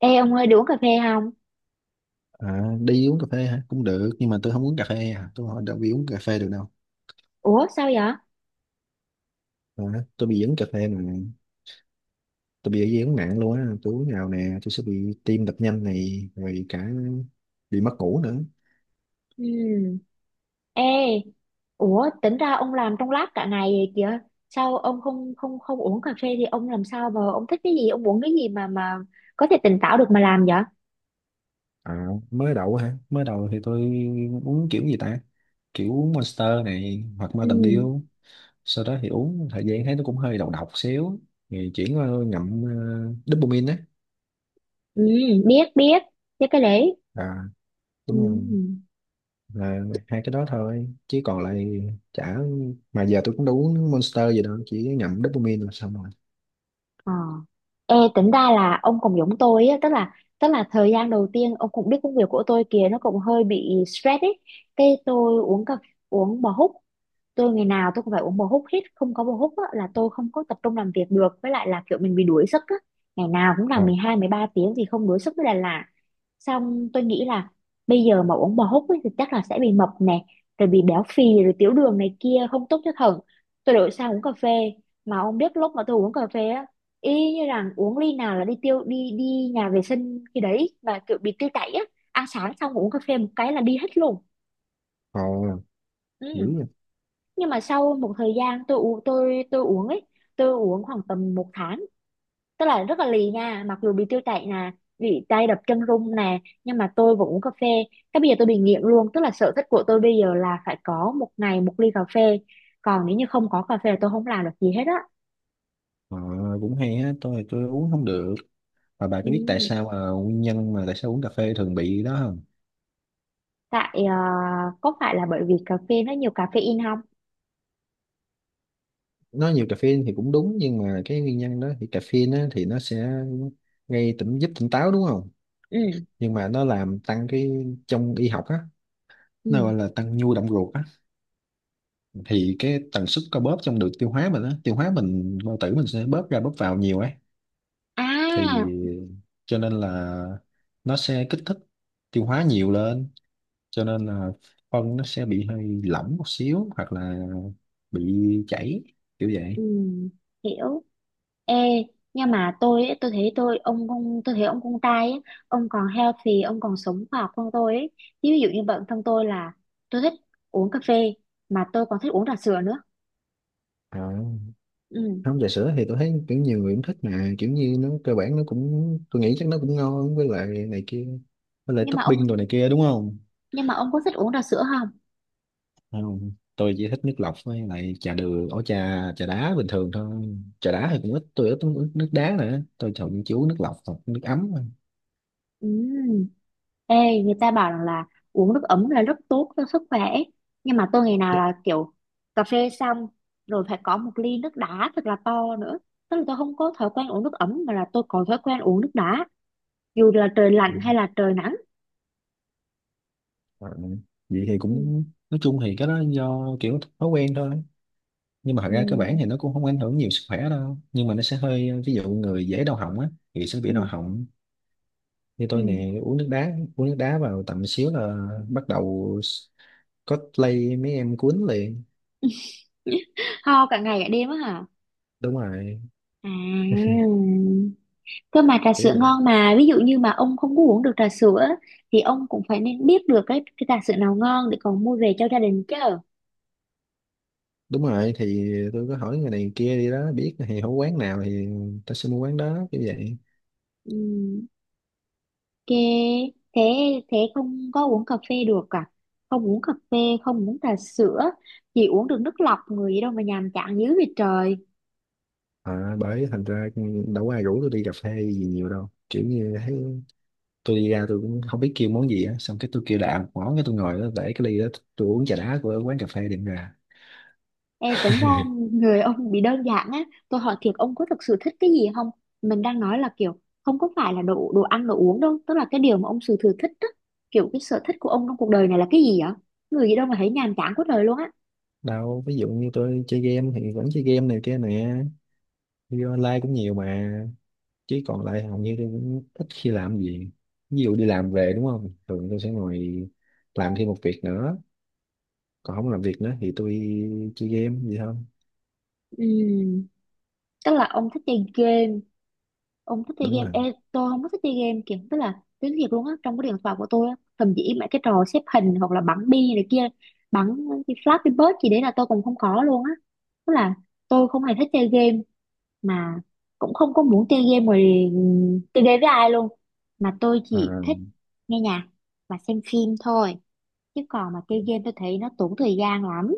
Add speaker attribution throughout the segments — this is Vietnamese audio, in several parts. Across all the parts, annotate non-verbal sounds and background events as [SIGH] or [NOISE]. Speaker 1: Ê ông ơi, đi uống cà phê không?
Speaker 2: À, đi uống cà phê hả? Cũng được, nhưng mà tôi không uống cà phê à. Tôi hỏi đâu bị uống cà phê được đâu.
Speaker 1: Ủa sao vậy?
Speaker 2: À, tôi bị dính cà phê mà. Tôi bị dị ứng nặng luôn á. Tôi uống nào nè, tôi sẽ bị tim đập nhanh này, rồi cả bị mất ngủ nữa.
Speaker 1: Ừ. Ê, ủa tính ra ông làm trong lab cả ngày vậy kìa. Sao ông không không không uống cà phê thì ông làm sao mà ông thích cái gì, ông uống cái gì mà có thể tỉnh táo được mà làm vậy?
Speaker 2: À, mới đầu hả? Mới đầu thì tôi uống kiểu gì ta? Kiểu Monster này, hoặc
Speaker 1: Ừ.
Speaker 2: Mountain Dew. Sau đó thì uống thời gian thấy nó cũng hơi độc độc xíu. Thì chuyển qua ngậm dopamine á.
Speaker 1: Ừ, biết biết, biết cái đấy.
Speaker 2: À, đúng rồi.
Speaker 1: Ừ.
Speaker 2: Là hai cái đó thôi chứ còn lại chả, mà giờ tôi cũng đâu uống Monster gì đâu, chỉ nhậm dopamine là xong rồi.
Speaker 1: Ờ. Ê, tính ra là ông cũng giống tôi á, tức là thời gian đầu tiên ông cũng biết công việc của tôi kìa nó cũng hơi bị stress ấy. Cái tôi uống bò húc, tôi ngày nào tôi cũng phải uống bò húc hết, không có bò húc á, là tôi không có tập trung làm việc được, với lại là kiểu mình bị đuối sức á, ngày nào cũng
Speaker 2: Ờ,
Speaker 1: làm mười hai mười ba tiếng thì không đuối sức mới là lạ. Xong tôi nghĩ là bây giờ mà uống bò húc ấy, thì chắc là sẽ bị mập nè, rồi bị béo phì rồi tiểu đường này kia, không tốt cho thận. Tôi đổi sang uống cà phê, mà ông biết lúc mà tôi uống cà phê á, y như rằng uống ly nào là đi tiêu, đi đi nhà vệ sinh khi đấy, mà kiểu bị tiêu chảy á. Ăn sáng xong uống cà phê một cái là đi hết luôn.
Speaker 2: ờ,
Speaker 1: Ừ.
Speaker 2: dữ vậy.
Speaker 1: Nhưng mà sau một thời gian tôi uống, tôi uống ấy, tôi uống khoảng tầm một tháng, tức là rất là lì nha, mặc dù bị tiêu chảy nè, bị tay đập chân run nè, nhưng mà tôi vẫn uống cà phê. Cái bây giờ tôi bị nghiện luôn, tức là sở thích của tôi bây giờ là phải có một ngày một ly cà phê, còn nếu như không có cà phê là tôi không làm được gì hết á.
Speaker 2: Ờ, cũng hay á, tôi uống không được. Mà bà
Speaker 1: Ừ.
Speaker 2: có biết tại sao mà nguyên nhân mà tại sao uống cà phê thường bị đó không?
Speaker 1: Tại có phải là bởi vì cà phê nó nhiều caffeine không?
Speaker 2: Nó nhiều caffeine thì cũng đúng, nhưng mà cái nguyên nhân đó thì caffeine á, thì nó sẽ gây tỉnh, giúp tỉnh táo đúng không?
Speaker 1: Ừ.
Speaker 2: Nhưng mà nó làm tăng cái, trong y học á, nó
Speaker 1: Ừ.
Speaker 2: gọi là tăng nhu động ruột á. Thì cái tần suất co bóp trong đường tiêu hóa mình á, tiêu hóa mình, bao tử mình sẽ bóp ra bóp vào nhiều ấy. Thì
Speaker 1: À.
Speaker 2: cho nên là nó sẽ kích thích tiêu hóa nhiều lên. Cho nên là phân nó sẽ bị hơi lỏng một xíu, hoặc là bị chảy kiểu vậy.
Speaker 1: Ừ. Hiểu. Ê, nhưng mà tôi ấy, tôi thấy tôi, ông tôi thấy ông con trai ấy, ông còn healthy, ông còn sống khoa học hơn tôi ấy. Chứ ví dụ như bản thân tôi là tôi thích uống cà phê mà tôi còn thích uống trà sữa nữa.
Speaker 2: À,
Speaker 1: Ừ.
Speaker 2: không, trà sữa thì tôi thấy kiểu nhiều người cũng thích, mà kiểu như nó cơ bản nó cũng, tôi nghĩ chắc nó cũng ngon, với lại này kia, với lại
Speaker 1: Nhưng mà ông
Speaker 2: topping đồ này kia đúng không?
Speaker 1: nhưng mà ông có thích uống trà sữa không?
Speaker 2: Không, tôi chỉ thích nước lọc với lại trà đường, ổ trà trà đá bình thường thôi. Trà đá thì cũng ít, tôi ít uống nước đá nữa, tôi thường chỉ uống nước lọc hoặc nước ấm thôi.
Speaker 1: Ừ. Ê, người ta bảo rằng là uống nước ấm là rất tốt cho sức khỏe. Nhưng mà tôi ngày nào là kiểu cà phê xong rồi phải có một ly nước đá thật là to nữa. Tức là tôi không có thói quen uống nước ấm, mà là tôi có thói quen uống nước đá, dù là trời lạnh hay là trời nắng.
Speaker 2: Ừ. Vậy thì
Speaker 1: Ừ.
Speaker 2: cũng, nói chung thì cái đó do kiểu thói quen thôi. Nhưng mà thật
Speaker 1: Ừ.
Speaker 2: ra cơ bản thì nó cũng không ảnh hưởng nhiều sức khỏe đâu, nhưng mà nó sẽ hơi, ví dụ người dễ đau họng á, thì sẽ bị đau
Speaker 1: Ừ.
Speaker 2: họng. Như tôi
Speaker 1: Ừ.
Speaker 2: nè, uống nước đá vào tầm xíu là bắt đầu có lây mấy em cuốn liền.
Speaker 1: [LAUGHS] Ho cả ngày cả đêm á hả?
Speaker 2: Đúng rồi,
Speaker 1: À, cơ mà trà sữa
Speaker 2: kiểu
Speaker 1: ngon mà, ví dụ như mà ông không có uống được trà sữa á, thì ông cũng phải nên biết được cái trà sữa nào ngon để còn mua về cho gia đình chứ.
Speaker 2: đúng rồi. Thì tôi có hỏi người này người kia đi đó biết, thì hổ quán nào thì ta sẽ mua quán đó như vậy.
Speaker 1: Ừ. Ok. Thế thế không có uống cà phê được à? Không uống cà phê, không uống trà sữa, chỉ uống được nước lọc, người gì đâu mà nhàm chán dữ vậy trời.
Speaker 2: À, bởi thành ra đâu có ai rủ tôi đi cà phê gì nhiều đâu, kiểu như thấy tôi đi ra tôi cũng không biết kêu món gì á, xong cái tôi kêu đại một món, cái tôi ngồi đó để cái ly đó, tôi uống trà đá của quán cà phê đệm ra.
Speaker 1: Ê, tính ra người ông bị đơn giản á, tôi hỏi thiệt ông có thực sự thích cái gì không? Mình đang nói là kiểu không có phải là đồ, đồ ăn đồ uống đâu, tức là cái điều mà ông sự thừa thích á, kiểu cái sở thích của ông trong cuộc đời này là cái gì vậy? Người gì đâu mà thấy nhàm chán quá trời luôn á.
Speaker 2: Đâu, ví dụ như tôi chơi game thì vẫn chơi game này kia nè, đi online cũng nhiều mà. Chứ còn lại hầu như tôi cũng ít khi làm gì. Ví dụ đi làm về đúng không, thường tôi sẽ ngồi làm thêm một việc nữa. Còn không làm việc nữa thì tôi chơi game gì không?
Speaker 1: Ừm, tức là ông thích chơi game. Ông thích chơi
Speaker 2: Đúng
Speaker 1: game.
Speaker 2: rồi.
Speaker 1: Ê, tôi không có thích chơi game kìa, tức là tiếng thiệt luôn á, trong cái điện thoại của tôi á, thậm chí mấy cái trò xếp hình hoặc là bắn bi này kia, bắn cái Flappy Bird gì đấy là tôi cũng không có luôn á. Tức là tôi không hề thích chơi game mà cũng không có muốn chơi game rồi. Ừm, chơi game với ai luôn, mà tôi
Speaker 2: À,
Speaker 1: chỉ thích nghe nhạc và xem phim thôi. Chứ còn mà chơi game tôi thấy nó tốn thời gian lắm.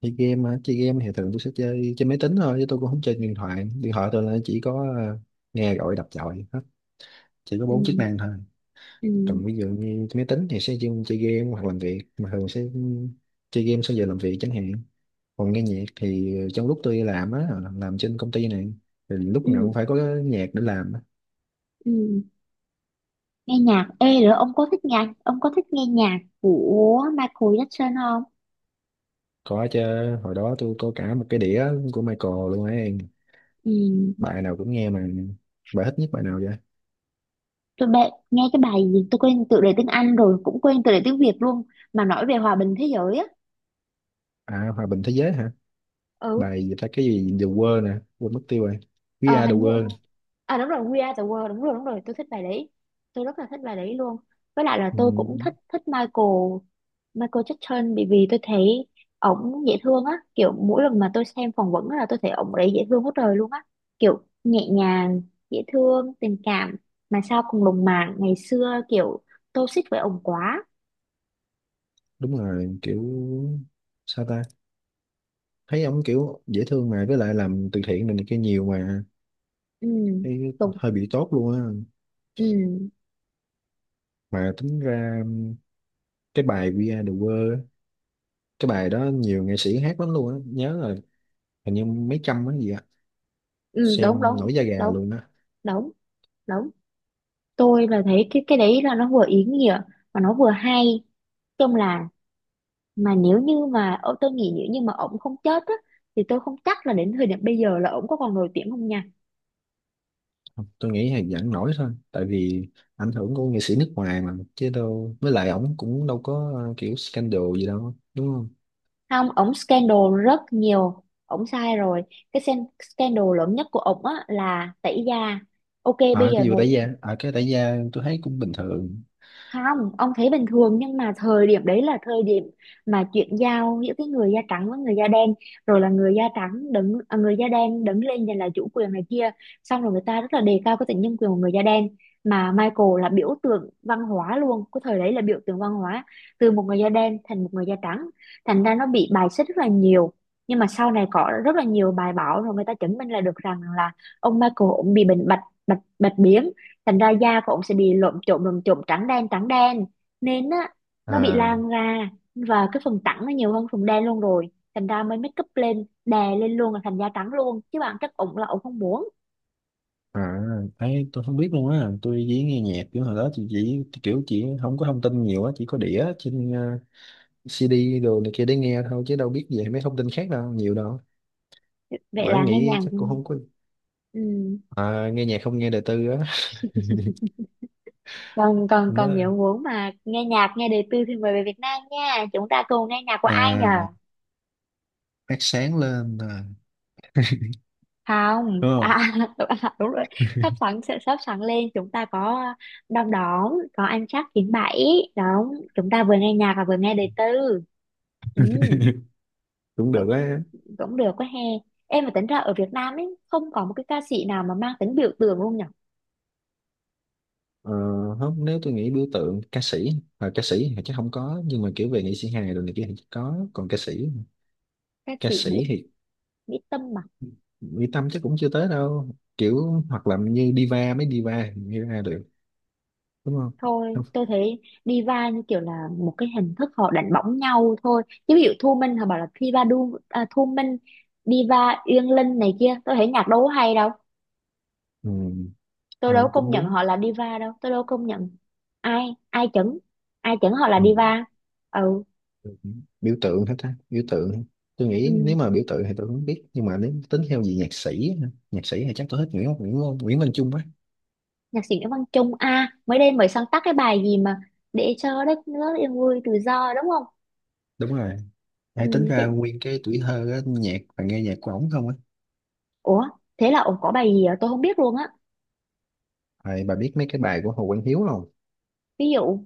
Speaker 2: chơi game á, chơi game thì thường tôi sẽ chơi trên máy tính thôi, chứ tôi cũng không chơi điện thoại. Điện thoại tôi là chỉ có nghe gọi, đọc gọi hết, chỉ có bốn chức
Speaker 1: Ừ.
Speaker 2: năng thôi.
Speaker 1: Ừ.
Speaker 2: Còn ví dụ như trên máy tính thì sẽ dùng chơi game hoặc làm việc, mà thường sẽ chơi game sau giờ làm việc chẳng hạn. Còn nghe nhạc thì trong lúc tôi làm á, làm trên công ty này, thì lúc
Speaker 1: Ừ.
Speaker 2: nào cũng phải có nhạc để làm á.
Speaker 1: Ừ. Ừ. Nghe nhạc, ê, rồi ông có thích nhạc, ông có thích nghe nhạc của Michael Jackson không?
Speaker 2: Có chứ, hồi đó tôi có cả một cái đĩa của Michael luôn ấy,
Speaker 1: Ừ,
Speaker 2: bài nào cũng nghe mà. Bài thích nhất bài nào vậy?
Speaker 1: tôi bệ, nghe cái bài gì tôi quên tựa đề tiếng Anh rồi, cũng quên tựa đề tiếng Việt luôn, mà nói về hòa bình thế giới á.
Speaker 2: À, hòa bình thế giới hả?
Speaker 1: Ừ.
Speaker 2: Bài gì ta, cái gì The World nè, quên mất tiêu rồi. We
Speaker 1: Ờ,
Speaker 2: Are The
Speaker 1: hình như,
Speaker 2: World.
Speaker 1: à đúng rồi, We Are the World, đúng rồi, đúng rồi, tôi thích bài đấy. Tôi rất là thích bài đấy luôn. Với lại là
Speaker 2: Ừ,
Speaker 1: tôi cũng thích thích Michael, Michael Jackson, bởi vì tôi thấy ổng dễ thương á, kiểu mỗi lần mà tôi xem phỏng vấn á là tôi thấy ổng đấy dễ thương hết trời luôn á, kiểu nhẹ nhàng, dễ thương, tình cảm, mà sao còn lùng màng ngày xưa kiểu tôi xích với ổng quá.
Speaker 2: đúng rồi, kiểu sao ta, thấy ông kiểu dễ thương, mà với lại làm từ thiện này, này kia nhiều mà,
Speaker 1: Ừ.
Speaker 2: thấy
Speaker 1: Đúng.
Speaker 2: hơi bị tốt luôn á.
Speaker 1: Ừ,
Speaker 2: Mà tính ra cái bài We Are The World á, cái bài đó nhiều nghệ sĩ hát lắm luôn á, nhớ là hình như mấy trăm á gì á,
Speaker 1: ừ. Đúng
Speaker 2: xem
Speaker 1: đúng.
Speaker 2: nổi da gà
Speaker 1: Đúng
Speaker 2: luôn á.
Speaker 1: đúng đúng. Tôi là thấy cái đấy là nó vừa ý nghĩa mà nó vừa hay, trong là, mà nếu như mà ô, tôi nghĩ nếu như mà ổng không chết á, thì tôi không chắc là đến thời điểm bây giờ là ổng có còn nổi tiếng không nha.
Speaker 2: Tôi nghĩ là vẫn nổi thôi, tại vì ảnh hưởng của nghệ sĩ nước ngoài mà chứ đâu, với lại ổng cũng đâu có kiểu scandal gì đâu đúng không?
Speaker 1: Không, ổng scandal rất nhiều, ổng sai rồi. Cái sen- scandal lớn nhất của ổng á là tẩy da. Ok, bây
Speaker 2: À,
Speaker 1: giờ
Speaker 2: cái vụ
Speaker 1: người.
Speaker 2: tẩy da, à cái tẩy da tôi thấy cũng bình thường.
Speaker 1: Không, ông thấy bình thường nhưng mà thời điểm đấy là thời điểm mà chuyển giao giữa cái người da trắng với người da đen, rồi là người da trắng đứng, à, người da đen đứng lên giành lại chủ quyền này kia, xong rồi người ta rất là đề cao cái tính nhân quyền của người da đen, mà Michael là biểu tượng văn hóa luôn, cái thời đấy là biểu tượng văn hóa từ một người da đen thành một người da trắng, thành ra nó bị bài xích rất là nhiều. Nhưng mà sau này có rất là nhiều bài báo rồi người ta chứng minh là được rằng là ông Michael cũng bị bệnh bạch bạch bạch biến, thành ra da của ông sẽ bị lộm chộm lộm chộm, trắng đen nên á, nó bị
Speaker 2: À,
Speaker 1: lan ra và cái phần trắng nó nhiều hơn phần đen luôn rồi, thành ra mới make up lên, đè lên luôn là thành da trắng luôn, chứ bạn chắc ổng là ổng không muốn.
Speaker 2: à, ấy tôi không biết luôn á, tôi chỉ nghe nhạc kiểu hồi đó, chị chỉ kiểu chỉ không có thông tin nhiều á, chỉ có đĩa trên CD đồ này kia để nghe thôi, chứ đâu biết về mấy thông tin khác đâu nhiều đâu.
Speaker 1: Vậy
Speaker 2: Bởi
Speaker 1: là nghe
Speaker 2: nghĩ
Speaker 1: nhạc.
Speaker 2: chắc cũng không có.
Speaker 1: Ừ.
Speaker 2: À, nghe nhạc không nghe đời tư á.
Speaker 1: Còn còn
Speaker 2: Hôm đó,
Speaker 1: còn, nếu muốn mà nghe nhạc, nghe đời tư thì mời về Việt Nam nha, chúng ta cùng nghe nhạc của ai
Speaker 2: à,
Speaker 1: nhờ.
Speaker 2: phát sáng lên à,
Speaker 1: Không,
Speaker 2: đúng không?
Speaker 1: à, [LAUGHS] đúng, à, đúng rồi, sắp sẵn sẽ sắp sẵn lên, chúng ta có đom đóm có ăn chắc chín bảy, đúng, chúng ta vừa nghe nhạc và vừa nghe đời tư. Ừ,
Speaker 2: Cũng được
Speaker 1: cũng
Speaker 2: á.
Speaker 1: cũng được quá he. Em mà tính ra ở Việt Nam ấy không có một cái ca sĩ nào mà mang tính biểu tượng luôn nhở.
Speaker 2: Ờ, không, nếu tôi nghĩ biểu tượng ca sĩ, à ca sĩ thì chắc không có, nhưng mà kiểu về nghệ sĩ hài rồi này kia thì chắc có. Còn ca sĩ,
Speaker 1: Ca
Speaker 2: ca
Speaker 1: sĩ Mỹ,
Speaker 2: sĩ thì
Speaker 1: Mỹ Tâm mà.
Speaker 2: Mỹ Tâm chắc cũng chưa tới đâu, kiểu hoặc là như diva, mấy diva diva ra được đúng không?
Speaker 1: Thôi
Speaker 2: Không.
Speaker 1: tôi thấy diva như kiểu là một cái hình thức họ đánh bóng nhau thôi, chứ ví dụ Thu Minh họ bảo là Diva Du, à, Thu Minh, Diva Uyên Linh này kia, tôi thấy nhạc đâu có hay đâu.
Speaker 2: Ừ.
Speaker 1: Tôi
Speaker 2: À,
Speaker 1: đâu có công
Speaker 2: cũng
Speaker 1: nhận
Speaker 2: đúng.
Speaker 1: họ là diva đâu, tôi đâu có công nhận. Ai ai chẩn ai chẩn họ là
Speaker 2: Ừ.
Speaker 1: diva. Ừ.
Speaker 2: Biểu tượng hết ta, biểu tượng tôi nghĩ
Speaker 1: Ừ.
Speaker 2: nếu mà biểu tượng thì tôi không biết, nhưng mà nếu tính theo gì nhạc sĩ hả? Nhạc sĩ thì chắc tôi thích Nguyễn Nguyễn Nguyễn Minh Trung á.
Speaker 1: Nhạc sĩ Nguyễn Văn Trung à, mới đây mới sáng tác cái bài gì mà để cho đất nước yên vui tự do đúng không?
Speaker 2: Đúng rồi,
Speaker 1: Ừ,
Speaker 2: ai tính ra
Speaker 1: cái...
Speaker 2: nguyên cái tuổi thơ á, nhạc và nghe nhạc của ổng không á.
Speaker 1: ủa thế là ổng có bài gì à? Tôi không biết luôn á.
Speaker 2: À, bà biết mấy cái bài của Hồ Quang Hiếu không?
Speaker 1: Ví dụ,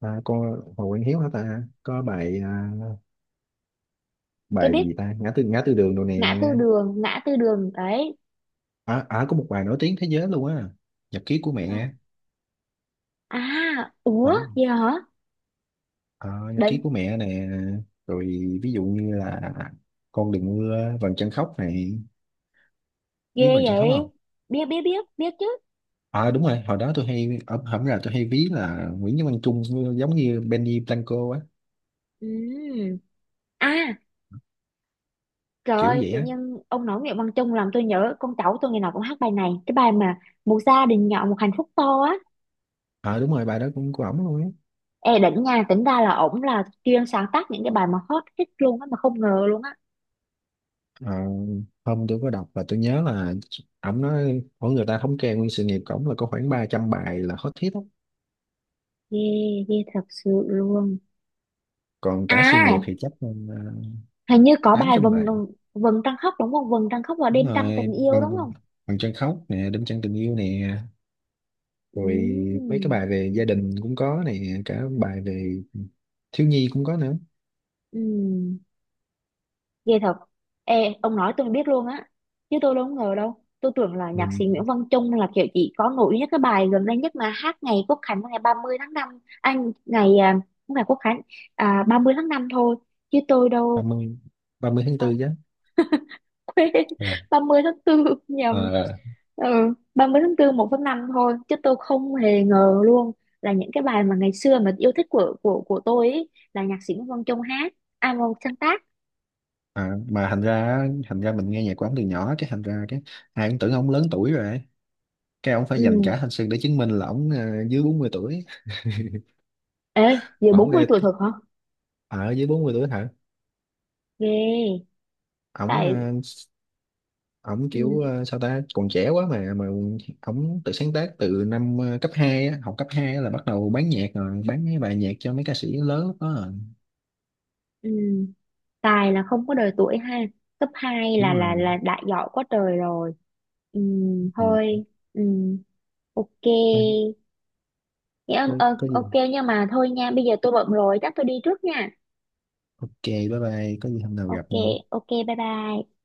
Speaker 2: À, con Hồ Quang Hiếu hả ta? Có bài à,
Speaker 1: tôi
Speaker 2: bài
Speaker 1: biết
Speaker 2: gì ta? Ngã tư đường đồ nè.
Speaker 1: ngã tư đường, ngã tư đường đấy.
Speaker 2: À, à có một bài nổi tiếng thế giới luôn á. Nhật ký của
Speaker 1: À,
Speaker 2: mẹ.
Speaker 1: à, ủa
Speaker 2: Ẩm-
Speaker 1: gì hả?
Speaker 2: À, nhật
Speaker 1: Định.
Speaker 2: ký của mẹ nè. Rồi ví dụ như là con đừng mưa, vầng trăng khóc này.
Speaker 1: Ghê
Speaker 2: Biết vầng trăng khóc
Speaker 1: vậy.
Speaker 2: không?
Speaker 1: Biết biết biết biết chứ.
Speaker 2: À đúng rồi, hồi đó tôi hay ở hổng là tôi hay ví là Nguyễn Văn Văn Trung giống như Benny Blanco á,
Speaker 1: Ừ. À. Trời
Speaker 2: kiểu
Speaker 1: ơi,
Speaker 2: vậy
Speaker 1: tự
Speaker 2: á.
Speaker 1: nhiên ông nói Nguyễn Văn Trung làm tôi nhớ con cháu tôi ngày nào cũng hát bài này. Cái bài mà một gia đình nhỏ một hạnh phúc to á.
Speaker 2: À đúng rồi, bài đó cũng của ổng luôn á.
Speaker 1: Ê đỉnh nha, tính ra là ổng là chuyên sáng tác những cái bài mà hot hit luôn á, mà không ngờ luôn á.
Speaker 2: Ờ, hôm tôi có đọc và tôi nhớ là ổng nói mỗi người ta thống kê nguyên sự nghiệp của ổng là có khoảng 300 bài là hot hit đó.
Speaker 1: Ghê, ghê thật sự luôn.
Speaker 2: Còn cả sự nghiệp
Speaker 1: À,
Speaker 2: thì chắc là ờ,
Speaker 1: hình như có
Speaker 2: tám
Speaker 1: bài
Speaker 2: trăm
Speaker 1: vầng,
Speaker 2: bài
Speaker 1: trăng khóc đúng không? Vầng trăng khóc và
Speaker 2: Đúng
Speaker 1: đêm trăng
Speaker 2: rồi,
Speaker 1: tình yêu đúng
Speaker 2: bằng,
Speaker 1: không?
Speaker 2: bằng chân khóc nè, đêm trăng tình yêu nè.
Speaker 1: Ừ.
Speaker 2: Rồi mấy cái bài về gia đình cũng có nè, cả bài về thiếu nhi cũng có nữa.
Speaker 1: Ừ. Ghê thật. Ê, ông nói tôi mới biết luôn á. Chứ tôi đâu có ngờ đâu. Tôi tưởng là
Speaker 2: Ừ.
Speaker 1: nhạc sĩ Nguyễn Văn Trung là kiểu chỉ có nổi nhất cái bài gần đây nhất mà hát ngày Quốc Khánh ngày 30 tháng 5, Anh, ngày, à, không phải Quốc Khánh, à, 30 tháng 5 thôi. Chứ tôi
Speaker 2: ba
Speaker 1: đâu,
Speaker 2: mươi ba mươi tháng
Speaker 1: à,
Speaker 2: 4 chứ.
Speaker 1: quên, [LAUGHS]
Speaker 2: À,
Speaker 1: 30 tháng tư nhầm.
Speaker 2: à,
Speaker 1: Ừ, 30 tháng 4 1 tháng 5 thôi. Chứ tôi không hề ngờ luôn là những cái bài mà ngày xưa mà yêu thích của tôi ấy, là nhạc sĩ Nguyễn Văn Trung hát, à, sáng tác.
Speaker 2: à, mà thành ra, thành ra mình nghe nhạc của ổng từ nhỏ, cái thành ra cái ai cũng tưởng ổng lớn tuổi rồi, cái ông phải dành
Speaker 1: Ừ.
Speaker 2: cả thanh xuân để chứng minh là ổng dưới 40 tuổi.
Speaker 1: Ê, giờ
Speaker 2: Mà ổng
Speaker 1: 40
Speaker 2: nghe,
Speaker 1: tuổi thật hả?
Speaker 2: à ở dưới 40 tuổi hả?
Speaker 1: Ghê.
Speaker 2: Ổng
Speaker 1: Tại.
Speaker 2: ờ, ổng kiểu
Speaker 1: Ừ.
Speaker 2: ờ, sao ta còn trẻ quá mà ổng tự sáng tác từ năm cấp 2 á, học cấp 2 á là bắt đầu bán nhạc rồi, bán mấy bài nhạc cho mấy ca sĩ lớn lúc đó rồi.
Speaker 1: Ừ, tài là không có đời tuổi ha, cấp 2
Speaker 2: Đúng rồi.
Speaker 1: là đã giỏi quá trời rồi. Ừ,
Speaker 2: Ừ.
Speaker 1: thôi. Ừ, ok.
Speaker 2: Thôi,
Speaker 1: Dạ, ờ,
Speaker 2: có
Speaker 1: ok,
Speaker 2: gì
Speaker 1: nhưng mà thôi nha, bây giờ tôi bận rồi, chắc tôi đi trước nha.
Speaker 2: ok bye bye, có gì hôm nào gặp
Speaker 1: Ok,
Speaker 2: nha.
Speaker 1: ok, bye bye.